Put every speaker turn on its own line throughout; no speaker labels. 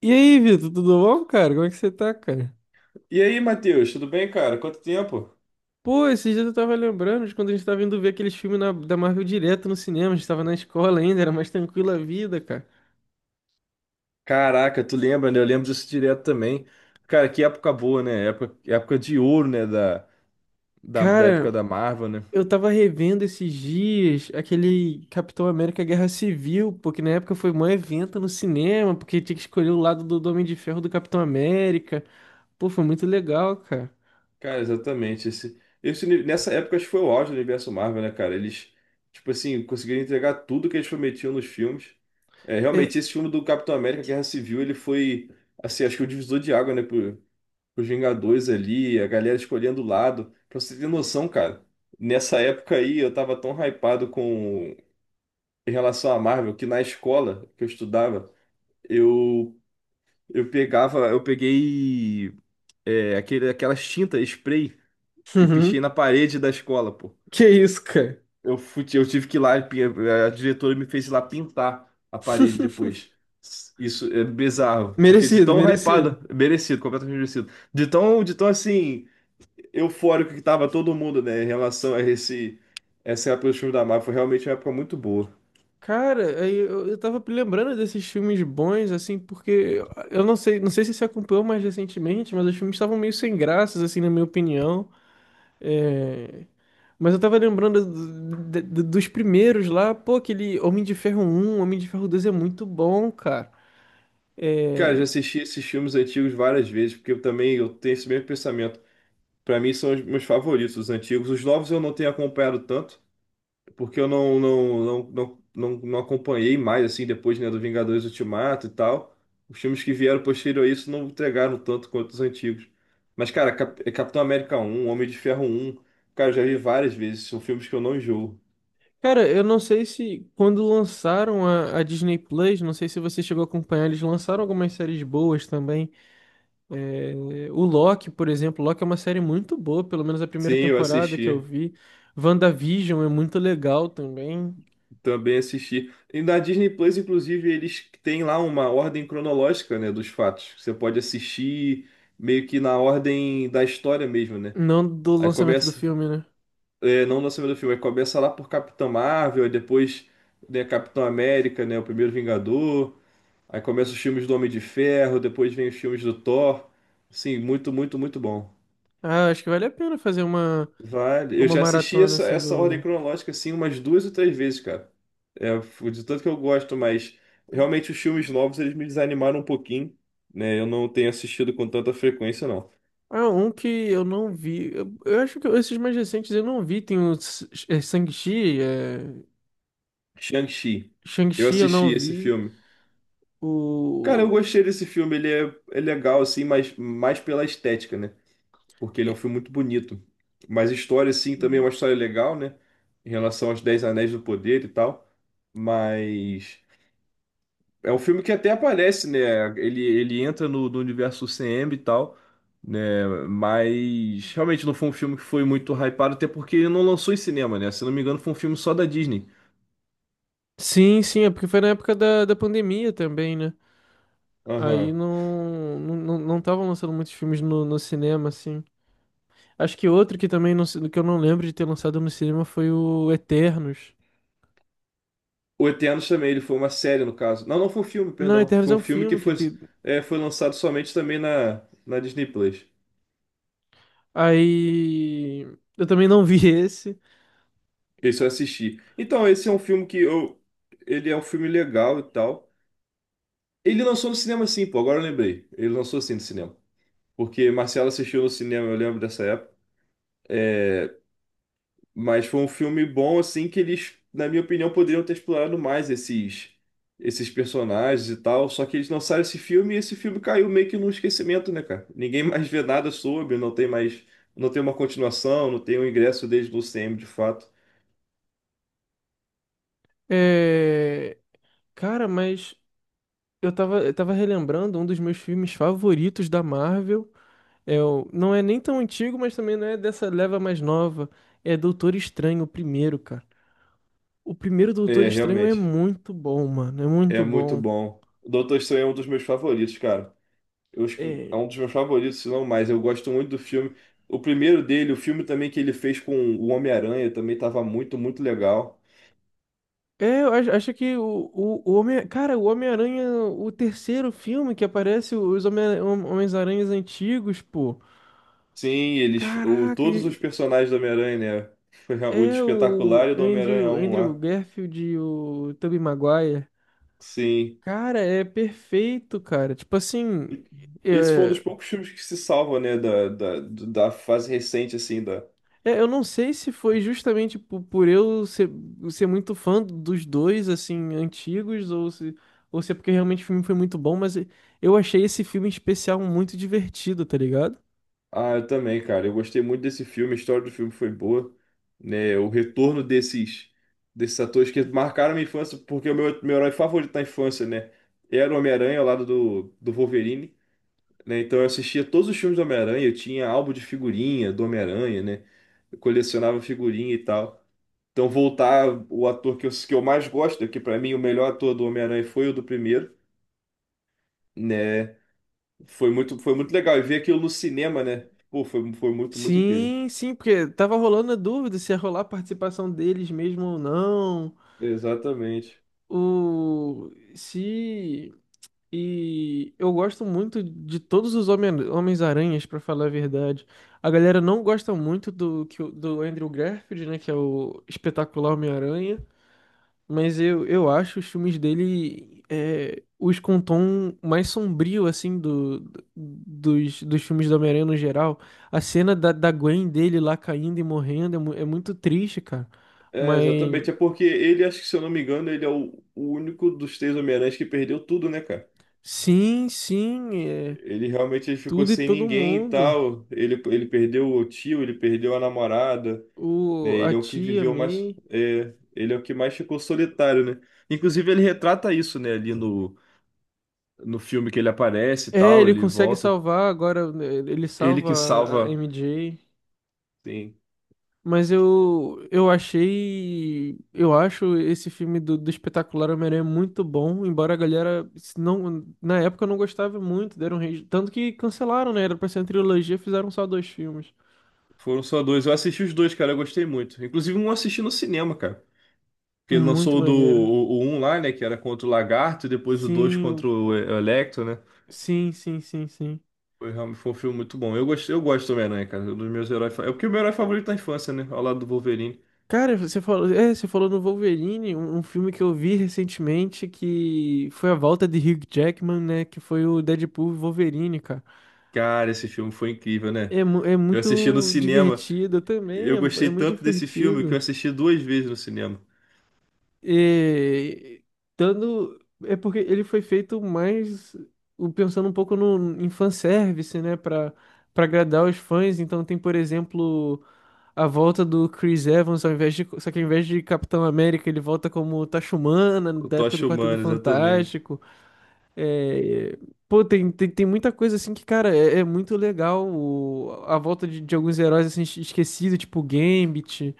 E aí, Vitor, tudo bom, cara? Como é que você tá, cara?
E aí, Matheus, tudo bem, cara? Quanto tempo?
Pô, esses dias eu tava lembrando de quando a gente tava indo ver aqueles filmes da Marvel direto no cinema. A gente tava na escola ainda, era mais tranquila a vida, cara.
Caraca, tu lembra, né? Eu lembro disso direto também. Cara, que época boa, né? Época de ouro, né? Da época
Cara,
da Marvel, né?
eu tava revendo esses dias aquele Capitão América Guerra Civil, porque na época foi um evento no cinema, porque tinha que escolher o lado do Homem de Ferro, do Capitão América. Pô, foi muito legal, cara.
Cara, exatamente. Nessa época, acho que foi o auge do universo Marvel, né, cara? Eles, tipo assim, conseguiram entregar tudo que eles prometiam nos filmes. É, realmente, esse
É.
filme do Capitão América, Guerra Civil, ele foi, assim, acho que o divisor de água, né? Os Vingadores ali, a galera escolhendo o lado. Pra você ter noção, cara, nessa época aí eu tava tão hypado com em relação à Marvel, que na escola que eu estudava, eu eu peguei, aquele, aquelas tinta spray, e pichei
Uhum.
na parede da escola, pô.
Que isso, cara?
Eu tive que ir lá, a diretora me fez ir lá pintar a parede depois. Isso é bizarro, porque de
Merecido,
tão
merecido.
hypado, merecido, completamente merecido. De tão assim, eufórico que tava todo mundo, né, em relação a esse essa época dos filmes da Marvel. Foi realmente uma época muito boa.
Cara, aí eu tava lembrando desses filmes bons, assim, porque eu não sei, não sei se você acompanhou mais recentemente, mas os filmes estavam meio sem graças, assim, na minha opinião. É, Mas eu tava lembrando dos primeiros lá, pô. Aquele Homem de Ferro um, Homem de Ferro 2 é muito bom, cara.
Cara, eu já
É.
assisti esses filmes antigos várias vezes, porque eu também eu tenho esse mesmo pensamento. Pra mim são os meus favoritos, os antigos. Os novos eu não tenho acompanhado tanto, porque eu não acompanhei mais assim depois, né, do Vingadores Ultimato e tal. Os filmes que vieram posterior a isso não entregaram tanto quanto os antigos. Mas, cara, Capitão América 1, Homem de Ferro 1, cara, eu já vi várias vezes. São filmes que eu não enjoo.
Cara, eu não sei se quando lançaram a Disney Plus, não sei se você chegou a acompanhar, eles lançaram algumas séries boas também. O Loki, por exemplo, Loki é uma série muito boa, pelo menos a primeira
Sim, eu
temporada que eu
assisti.
vi. WandaVision é muito legal também.
Também assisti. E na Disney Plus, inclusive, eles têm lá uma ordem cronológica, né, dos fatos. Você pode assistir meio que na ordem da história mesmo, né?
Não do
Aí
lançamento do
começa,
filme, né?
não na semana do filme, aí começa lá por Capitão Marvel, aí depois, né, Capitão América, né, o Primeiro Vingador. Aí começa os filmes do Homem de Ferro, depois vem os filmes do Thor. Sim, muito bom.
Ah, acho que vale a pena fazer
Vale. Eu
uma
já assisti
maratona
essa,
assim
essa ordem
do.
cronológica assim umas duas ou três vezes, cara. É, de tanto que eu gosto, mas realmente os filmes novos eles me desanimaram um pouquinho, né? Eu não tenho assistido com tanta frequência, não.
Ah, um que eu não vi. Eu acho que esses mais recentes eu não vi. Tem o Shang-Chi, é...
Shang-Chi. Eu
Shang-Chi eu não
assisti esse
vi.
filme. Cara, eu
O.
gostei desse filme. Ele é legal, assim, mas mais pela estética, né? Porque ele
É.
é um filme muito bonito. Mas a história, assim, também é uma história legal, né? Em relação aos Dez Anéis do Poder e tal. Mas. É um filme que até aparece, né? Ele entra no universo CM e tal, né? Mas realmente não foi um filme que foi muito hypado, até porque ele não lançou em cinema, né? Se não me engano, foi um filme só da Disney.
Sim, sim, é porque foi na época da pandemia também, né? Aí
Aham.
não estavam lançando muitos filmes no cinema, assim. Acho que outro que também não, que eu não lembro de ter lançado no cinema foi o Eternos.
O Eternos também, ele foi uma série, no caso. Não, não foi um filme,
Não,
perdão.
Eternos
Foi
é
um
um
filme que
filme que
foi,
tem...
é, foi lançado somente também na, na Disney Plus.
Aí. Eu também não vi esse.
Esse eu assisti. Então, esse é um filme que eu. Ele é um filme legal e tal. Ele lançou no cinema sim, pô, agora eu lembrei. Ele lançou sim no cinema, porque Marcelo assistiu no cinema, eu lembro dessa época. Mas foi um filme bom, assim, que eles, na minha opinião, poderiam ter explorado mais esses personagens e tal. Só que eles lançaram esse filme e esse filme caiu meio que no esquecimento, né, cara? Ninguém mais vê nada sobre, não tem mais, não tem uma continuação, não tem um ingresso deles no CM de fato.
É... Cara, mas eu tava relembrando um dos meus filmes favoritos da Marvel. É, não é nem tão antigo, mas também não é dessa leva mais nova. É Doutor Estranho, o primeiro, cara. O primeiro Doutor
É,
Estranho é
realmente,
muito bom, mano. É
é
muito
muito
bom.
bom. Doutor Estranho é um dos meus favoritos, cara. Eu acho que é
É.
um dos meus favoritos, se não mais. Eu gosto muito do filme. O primeiro dele, o filme também que ele fez com o Homem-Aranha, também estava muito legal.
É, eu acho, acho que o Homem... Cara, o Homem-Aranha, o terceiro filme que aparece os Homens-Aranhas antigos, pô.
Sim, eles, o,
Caraca,
todos os
e-
personagens do Homem-Aranha, né? O do
é
Espetacular
o
e o do Homem-Aranha um
Andrew
lá.
Garfield e o Tobey Maguire.
Sim.
Cara, é perfeito, cara. Tipo assim,
E esse foi um dos
é.
poucos filmes que se salva, né, da fase recente, assim.
É, eu não sei se foi justamente ser muito fã dos dois, assim, antigos, ou se é porque realmente o filme foi muito bom, mas eu achei esse filme em especial muito divertido, tá ligado?
Ah, eu também, cara. Eu gostei muito desse filme, a história do filme foi boa, né? O retorno desses atores que marcaram minha infância, porque meu herói favorito na infância, né? Era o Homem-Aranha ao lado do Wolverine, né? Então eu assistia todos os filmes do Homem-Aranha, eu tinha álbum de figurinha do Homem-Aranha, né? Eu colecionava figurinha e tal. Então voltar o ator que eu mais gosto, que pra mim o melhor ator do Homem-Aranha foi o do primeiro, né? Foi muito legal. E ver aquilo no cinema, né? Pô, foi muito incrível.
Sim, sim, porque tava rolando a dúvida se ia rolar a participação deles mesmo ou não,
Exatamente.
o se. E eu gosto muito de todos os Homens-Aranhas, pra falar a verdade. A galera não gosta muito do Andrew Garfield, né? Que é o espetacular Homem-Aranha. Mas eu acho os filmes dele é, os com um tom mais sombrio, assim, dos filmes do Homem-Aranha no geral. A cena da Gwen dele lá caindo e morrendo é, é muito triste, cara.
É,
Mas
exatamente. É porque ele, acho que se eu não me engano, ele é o único dos três Homem-Aranhas que perdeu tudo, né, cara?
sim, sim, é
Ele realmente ele ficou
tudo e
sem
todo
ninguém e
mundo.
tal. Ele perdeu o tio, ele perdeu a namorada, né?
O, a
Ele é o que
tia
viveu mais.
May.
É, ele é o que mais ficou solitário, né? Inclusive, ele retrata isso, né, ali no filme que ele aparece e
É,
tal,
ele
ele
consegue
volta.
salvar agora, né. Ele
Ele que
salva a
salva.
MJ.
Sim.
Mas eu achei. Eu acho esse filme do Espetacular Homem-Aranha muito bom. Embora a galera se não, na época não gostava muito. Deram rage. Tanto que cancelaram, né? Era pra ser uma trilogia, fizeram só dois filmes.
Foram só dois. Eu assisti os dois, cara. Eu gostei muito. Inclusive, um eu assisti no cinema, cara. Porque ele lançou
Muito maneiro.
o 1 lá, né? Que era contra o Lagarto, e depois o 2 contra
Sim,
o Electro, né?
sim, sim, sim, sim.
Foi realmente, foi um filme muito bom. Eu gosto do Homem-Aranha, cara. É um dos meus heróis. É porque o meu herói favorito da infância, né? Ao lado do Wolverine.
Cara, você falou no Wolverine, um filme que eu vi recentemente que foi a volta de Hugh Jackman, né? Que foi o Deadpool e Wolverine, cara.
Cara, esse filme foi incrível, né?
É, é
Eu assisti no
muito
cinema.
divertido também,
Eu
é, é
gostei
muito
tanto desse filme que eu
divertido.
assisti duas vezes no cinema.
E, dando, é porque ele foi feito mais pensando um pouco no, em fanservice, né? Pra, pra agradar os fãs. Então tem, por exemplo, a volta do Chris Evans, só que ao invés de Capitão América, ele volta como Tachumana,
O
da época do
Tocha
Quarteto
Humana, exatamente.
Fantástico. É, pô, tem muita coisa assim que, cara, é, é muito legal a volta de alguns heróis assim esquecidos, tipo Gambit.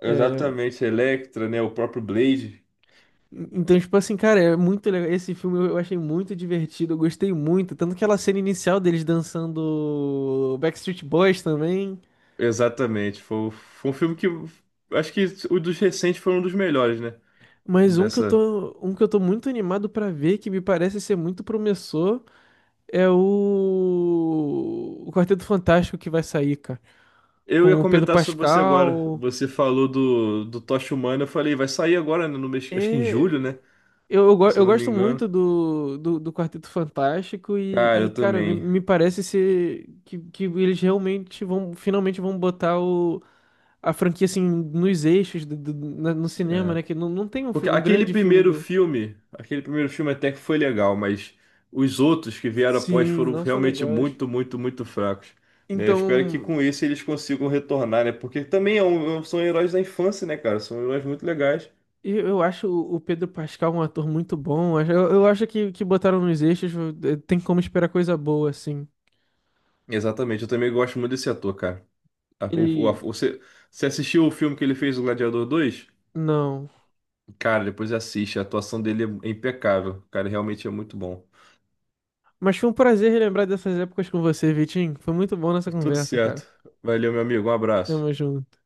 Exatamente, Electra, né? O próprio Blade.
Então, tipo assim, cara, é muito legal. Esse filme eu achei muito divertido, eu gostei muito. Tanto aquela cena inicial deles dançando Backstreet Boys também.
Exatamente. Foi um filme que eu. Acho que o dos recentes foi um dos melhores, né?
Mas
Dessa.
um que eu tô muito animado pra ver, que me parece ser muito promissor, é o Quarteto Fantástico que vai sair, cara.
Eu ia
Com o Pedro
comentar sobre você agora.
Pascal.
Você falou do Tocha Humana. Eu falei, vai sair agora, né, no mês, acho que em julho,
É...
né? Se eu
Eu
não me
gosto
engano.
muito do Quarteto Fantástico
Cara,
e,
eu
cara,
também.
me parece ser que eles realmente vão, finalmente vão botar o, a franquia, assim, nos eixos no cinema,
É.
né? Que não, não tem um,
Porque
um grande filme do...
aquele primeiro filme até que foi legal, mas os outros que vieram após
Sim,
foram
não sou
realmente
negócio.
muito fracos. Né? Eu espero que
Então,
com esse eles consigam retornar, né? Porque também são heróis da infância, né, cara? São heróis muito legais.
Eu acho o Pedro Pascal um ator muito bom. Eu acho que botaram nos eixos, tem como esperar coisa boa, assim.
Exatamente, eu também gosto muito desse ator, cara. A- o- o- a-
Ele.
você, você assistiu o filme que ele fez, o Gladiador 2?
Não.
Cara, depois assiste. A atuação dele é impecável. O cara realmente é muito bom.
Mas foi um prazer relembrar dessas épocas com você, Vitinho. Foi muito bom nessa
Tudo
conversa, cara.
certo. Valeu, meu amigo. Um abraço.
Tamo junto.